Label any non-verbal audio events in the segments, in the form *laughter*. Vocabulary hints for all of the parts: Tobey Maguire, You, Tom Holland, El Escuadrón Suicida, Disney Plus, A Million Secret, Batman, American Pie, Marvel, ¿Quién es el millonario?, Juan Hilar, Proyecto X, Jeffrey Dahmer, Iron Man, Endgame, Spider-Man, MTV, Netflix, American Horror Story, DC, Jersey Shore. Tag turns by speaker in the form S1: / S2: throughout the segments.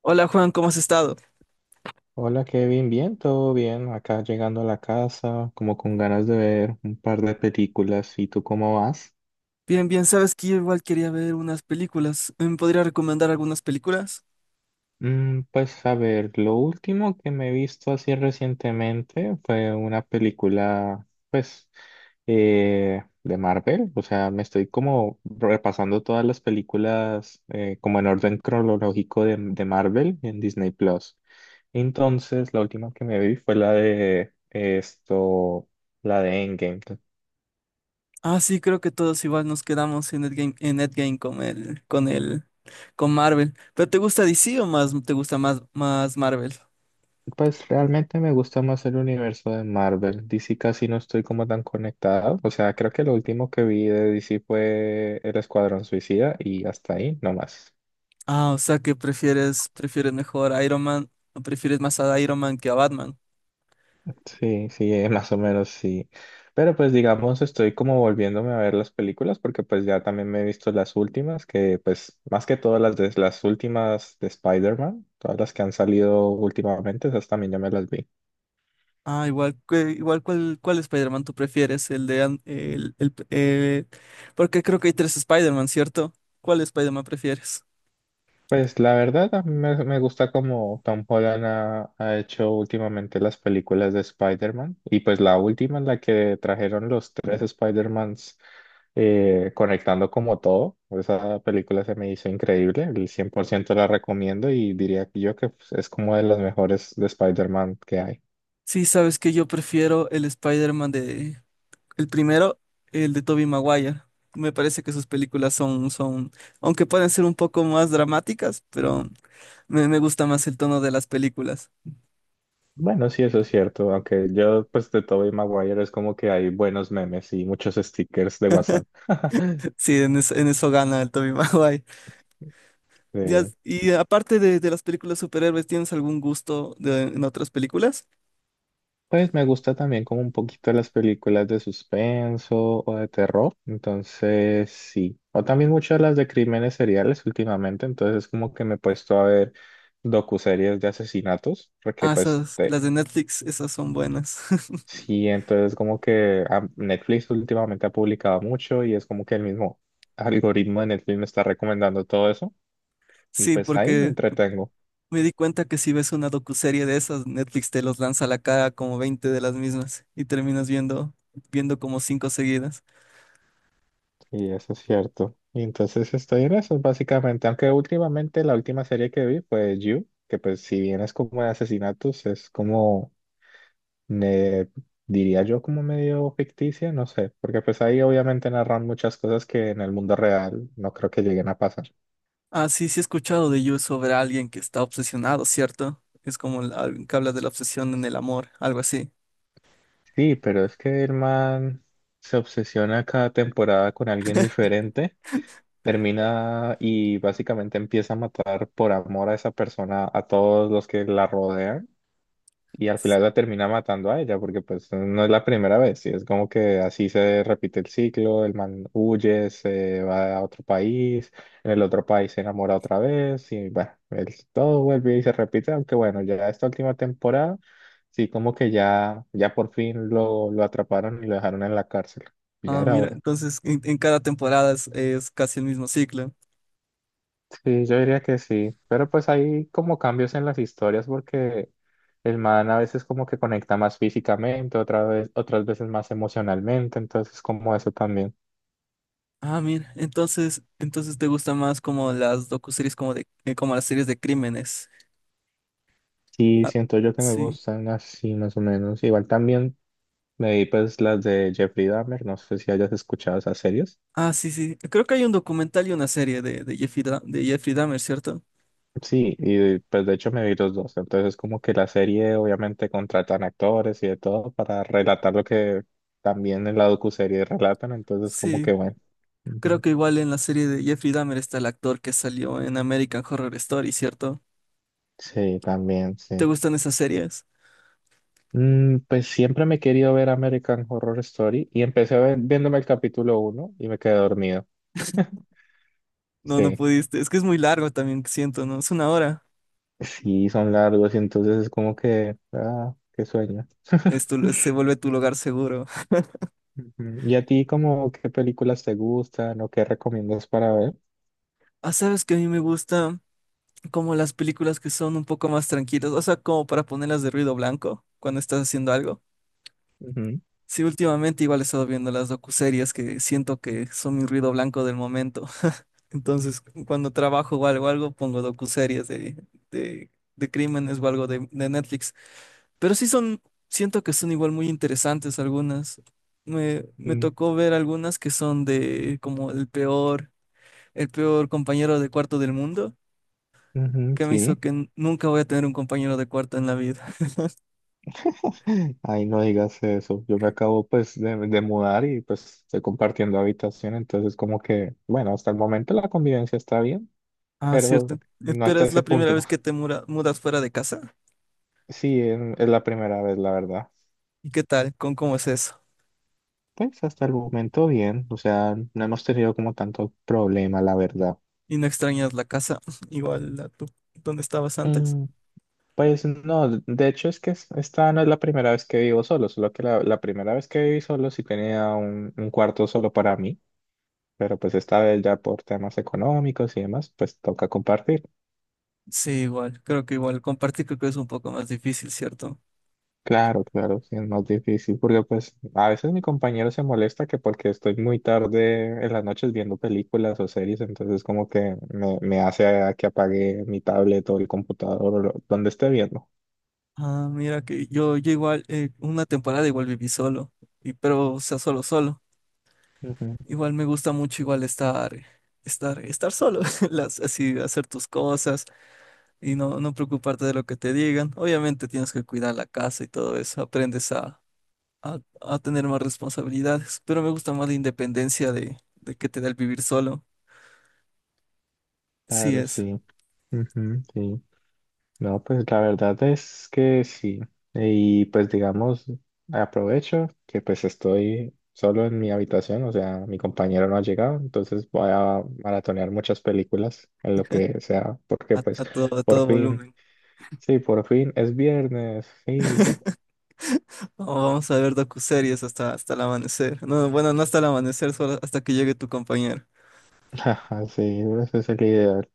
S1: Hola Juan, ¿cómo has estado?
S2: Hola Kevin, bien, todo bien. Acá llegando a la casa, como con ganas de ver un par de películas. ¿Y tú cómo vas?
S1: Bien, bien, sabes que yo igual quería ver unas películas. ¿Me podría recomendar algunas películas?
S2: Mm, pues a ver, lo último que me he visto así recientemente fue una película, pues, de Marvel. O sea, me estoy como repasando todas las películas como en orden cronológico de Marvel en Disney Plus. Entonces, la última que me vi fue la de esto, la de Endgame.
S1: Ah, sí, creo que todos igual nos quedamos en Endgame con el con Marvel. ¿Pero te gusta DC o más te gusta más Marvel?
S2: Pues realmente me gusta más el universo de Marvel. DC casi no estoy como tan conectado. O sea, creo que lo último que vi de DC fue El Escuadrón Suicida y hasta ahí, no más.
S1: Ah, o sea que prefieres mejor a Iron Man, o prefieres más a Iron Man que a Batman.
S2: Sí, sí, *laughs* más o menos sí. Pero pues digamos, estoy como volviéndome a ver las películas porque pues ya también me he visto las últimas, que pues más que todas las de las últimas de Spider-Man, todas las que han salido últimamente, esas también ya me las vi.
S1: Ah, igual, ¿cuál Spider-Man tú prefieres? El de An- el- Porque creo que hay tres Spider-Man, ¿cierto? ¿Cuál Spider-Man prefieres?
S2: Pues la verdad, a mí me gusta como Tom Holland ha hecho últimamente las películas de Spider-Man y pues la última en la que trajeron los tres Spider-Mans conectando como todo, esa película se me hizo increíble, el 100% la recomiendo y diría yo que pues, es como de las mejores de Spider-Man que hay.
S1: Sí, sabes que yo prefiero el Spider-Man de, el primero, el de Tobey Maguire. Me parece que sus películas son, aunque pueden ser un poco más dramáticas, pero me gusta más el tono de las películas.
S2: Bueno, sí, eso es cierto, aunque yo pues de Tobey Maguire es como que hay buenos memes y muchos stickers de WhatsApp. *laughs*
S1: *laughs* Sí, en eso gana el Tobey *laughs* Maguire. Ya-
S2: Sí.
S1: y aparte de las películas superhéroes, ¿tienes algún en otras películas?
S2: Pues me gusta también como un poquito las películas de suspenso o de terror, entonces sí. O también muchas las de crímenes seriales últimamente, entonces es como que me he puesto a ver docuseries de asesinatos, porque
S1: Ah,
S2: pues
S1: esas, las de Netflix, esas son buenas. *laughs*
S2: sí, entonces como que ah, Netflix últimamente ha publicado mucho y es como que el mismo algoritmo de Netflix me está recomendando todo eso y
S1: Sí,
S2: pues ahí me
S1: porque
S2: entretengo.
S1: me di cuenta que si ves una docuserie de esas, Netflix te los lanza a la cara como 20 de las mismas y terminas viendo como cinco seguidas.
S2: Y eso es cierto. Y entonces estoy en eso, básicamente. Aunque últimamente la última serie que vi fue You, que pues si bien es como de asesinatos, es como, me diría yo, como medio ficticia, no sé, porque pues ahí obviamente narran muchas cosas que en el mundo real no creo que lleguen a pasar.
S1: Ah, sí, sí he escuchado de You sobre alguien que está obsesionado, ¿cierto? Es como alguien que habla de la obsesión en el amor, algo así.
S2: Sí, pero es que el man se obsesiona cada temporada con alguien diferente, termina y básicamente empieza a matar por amor a esa persona a todos los que la rodean. Y al final la termina matando a ella, porque pues no es la primera vez, y es como que así se repite el ciclo, el man huye, se va a otro país, en el otro país se enamora otra vez, y bueno, todo vuelve y se repite, aunque bueno, ya esta última temporada, sí como que ya, ya por fin lo atraparon y lo dejaron en la cárcel, ya
S1: Ah,
S2: era
S1: mira,
S2: hora.
S1: entonces en cada temporada es casi el mismo ciclo.
S2: Sí, yo diría que sí, pero pues hay como cambios en las historias porque el man a veces como que conecta más físicamente, otra vez, otras veces más emocionalmente, entonces como eso también.
S1: Ah, mira, entonces te gustan más como las docuseries como de, como las series de crímenes.
S2: Sí,
S1: Ah,
S2: siento yo que me
S1: sí.
S2: gustan así más o menos. Igual también me vi pues las de Jeffrey Dahmer, no sé si hayas escuchado esas series.
S1: Ah, sí, sí. Creo que hay un documental y una serie de de Jeffrey Dahmer, ¿cierto?
S2: Sí, y pues de hecho me vi los dos, entonces como que la serie obviamente contratan actores y de todo para relatar lo que también en la docuserie relatan, entonces como que
S1: Sí.
S2: bueno.
S1: Creo que igual en la serie de Jeffrey Dahmer está el actor que salió en American Horror Story, ¿cierto?
S2: Sí, también,
S1: ¿Te
S2: sí.
S1: gustan esas series?
S2: Mm, pues siempre me he querido ver American Horror Story y empecé a viéndome el capítulo uno y me quedé dormido.
S1: No, no
S2: Sí,
S1: pudiste. Es que es muy largo también, siento, ¿no? Es una hora.
S2: sí, son largos y entonces es como que, ah, qué sueño. *laughs*
S1: Se vuelve tu lugar seguro.
S2: Ujú. ¿Y a ti como qué películas te gustan o qué recomiendas para ver?
S1: Ah, sabes que a mí me gusta como las películas que son un poco más tranquilas, o sea, como para ponerlas de ruido blanco cuando estás haciendo algo.
S2: Ujú,
S1: Sí, últimamente igual he estado viendo las docuseries que siento que son mi ruido blanco del momento. Entonces, cuando trabajo o algo, algo pongo docuseries de, de, crímenes o algo de Netflix. Pero sí son, siento que son igual muy interesantes algunas. Me
S2: mm,
S1: tocó ver algunas que son de como el peor compañero de cuarto del mundo,
S2: ujú,
S1: que me hizo
S2: sí.
S1: que nunca voy a tener un compañero de cuarto en la vida. *laughs*
S2: *laughs* Ay, no digas eso. Yo me acabo pues de mudar y pues estoy compartiendo habitación, entonces como que, bueno, hasta el momento la convivencia está bien.
S1: Ah,
S2: Pero
S1: cierto.
S2: no
S1: Pero
S2: hasta
S1: es la
S2: ese
S1: primera
S2: punto.
S1: vez que mudas fuera de casa.
S2: Sí, es la primera vez, la verdad.
S1: ¿Y qué tal? ¿Con Cómo es eso?
S2: Pues hasta el momento bien, o sea, no hemos tenido como tanto problema, la verdad.
S1: ¿Y no extrañas la casa *laughs* igual a tu, donde estabas antes?
S2: Mm, pues no, de hecho es que esta no es la primera vez que vivo solo, solo que la primera vez que viví solo sí tenía un cuarto solo para mí, pero pues esta vez ya por temas económicos y demás, pues toca compartir.
S1: Sí, igual, creo que igual compartir creo que es un poco más difícil, ¿cierto?
S2: Claro, claro, sí, es más difícil porque pues a veces mi compañero se molesta que porque estoy muy tarde en las noches viendo películas o series, entonces como que me hace a que apague mi tablet o el computador o donde esté viendo.
S1: Ah, mira que yo igual, una temporada igual viví solo, y, pero o sea, solo, solo.
S2: Ujú.
S1: Igual me gusta mucho igual estar solo, *laughs* las, así hacer tus cosas y no preocuparte de lo que te digan. Obviamente tienes que cuidar la casa y todo eso, aprendes a tener más responsabilidades, pero me gusta más la independencia de que te da el vivir solo. Sí
S2: Claro,
S1: es,
S2: sí. Ujú, sí. No, pues la verdad es que sí. Y pues digamos, aprovecho que pues estoy solo en mi habitación, o sea, mi compañero no ha llegado, entonces voy a maratonear muchas películas en lo que sea, porque pues
S1: a
S2: por
S1: todo
S2: fin,
S1: volumen.
S2: sí, por fin es viernes, sí,
S1: *laughs* Oh, vamos a ver docuseries hasta el amanecer. No, bueno, no hasta el amanecer, solo hasta que llegue tu compañero.
S2: *laughs* sí, ese es el ideal.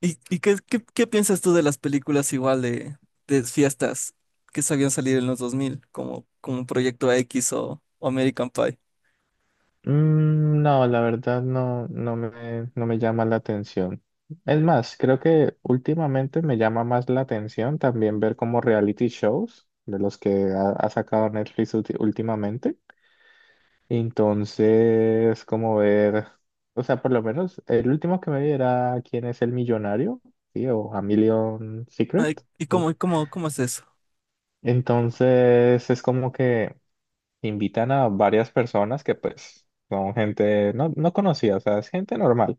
S1: Y qué piensas tú de las películas igual de fiestas que sabían salir en los 2000 como, como Proyecto X o American Pie?
S2: Mm, no, la verdad no, no me llama la atención. Es más, creo que últimamente me llama más la atención también ver como reality shows de los que ha sacado Netflix últimamente. Entonces, como ver, o sea, por lo menos el último que me vi era ¿Quién es el millonario? Sí, o A Million Secret.
S1: Ay, ¿y cómo es eso?
S2: Entonces, es como que invitan a varias personas que pues son gente no, no conocida, o sea, es gente normal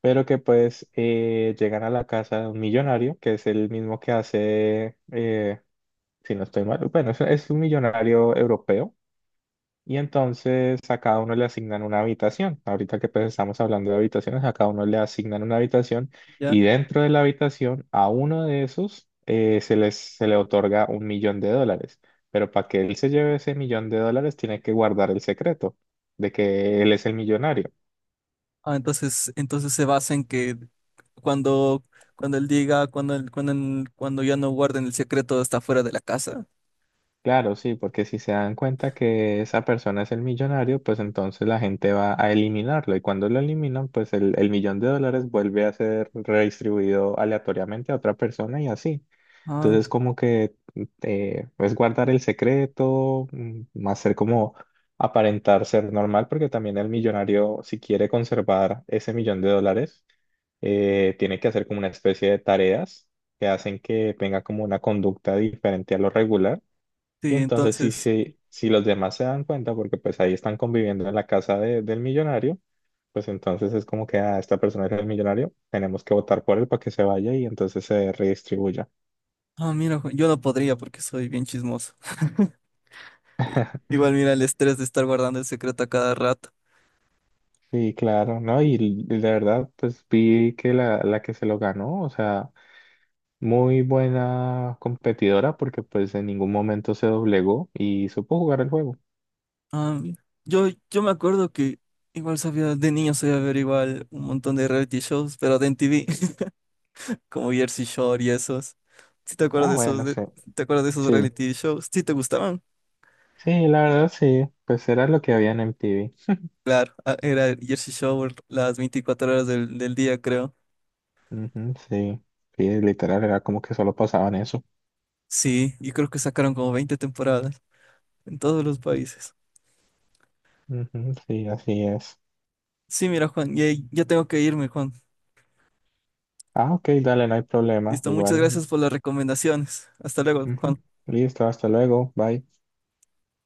S2: pero que pues llegan a la casa de un millonario, que es el mismo que hace, si no estoy mal, bueno, es un millonario europeo, y entonces a cada uno le asignan una habitación. Ahorita que pues estamos hablando de habitaciones, a cada uno le asignan una habitación,
S1: ¿Ya?
S2: y dentro de la habitación a uno de esos se le otorga un millón de dólares. Pero para que él se lleve ese millón de dólares, tiene que guardar el secreto de que él es el millonario.
S1: Ah, entonces se basa en que cuando, cuando él diga, cuando, él- cuando, él- cuando ya no guarden el secreto está fuera de la casa.
S2: Claro, sí, porque si se dan cuenta que esa persona es el millonario, pues entonces la gente va a eliminarlo y cuando lo eliminan, pues el millón de dólares vuelve a ser redistribuido aleatoriamente a otra persona y así.
S1: Ah,
S2: Entonces
S1: ent-
S2: como que mm, es guardar el secreto, mm, más ser como aparentar ser normal, porque también el millonario, si quiere conservar ese millón de dólares, tiene que hacer como una especie de tareas que hacen que tenga como una conducta diferente a lo regular y
S1: sí,
S2: entonces si,
S1: entonces...
S2: si los demás se dan cuenta, porque pues ahí están conviviendo en la casa del millonario, pues entonces es como que ah, esta persona es el millonario, tenemos que votar por él para que se vaya y entonces se redistribuya.
S1: Ah, mira, Juan, yo no podría porque soy bien chismoso. I- Igual mira el estrés de estar guardando el secreto a cada rato.
S2: Sí, claro, ¿no? Y, la verdad, pues vi que la que se lo ganó, o sea, muy buena competidora porque pues en ningún momento se doblegó y supo jugar el juego.
S1: Ah, mira. Yo me acuerdo que igual sabía, de niño sabía ver igual un montón de reality shows, pero de MTV, *laughs* como Jersey Shore y esos. ¿Sí te acuerdas
S2: Ah,
S1: de esos,
S2: bueno,
S1: de-
S2: sí.
S1: Te acuerdas de esos
S2: Sí,
S1: reality shows? ¿Sí te gustaban?
S2: sí, la verdad sí, pues era lo que había en MTV.
S1: Claro, ah, era el Jersey Shore las 24 horas del día, creo.
S2: Ujú, sí, sí, literal, era como que solo pasaban eso.
S1: Sí, y creo que sacaron como 20 temporadas en todos los países.
S2: Ujú, sí, así es.
S1: Sí, mira, ya tengo que irme, Juan.
S2: Ah, ok, dale, no hay problema,
S1: Listo, muchas
S2: igual.
S1: gracias por las recomendaciones. Hasta luego,
S2: Ujú,
S1: Juan.
S2: listo, hasta luego, bye.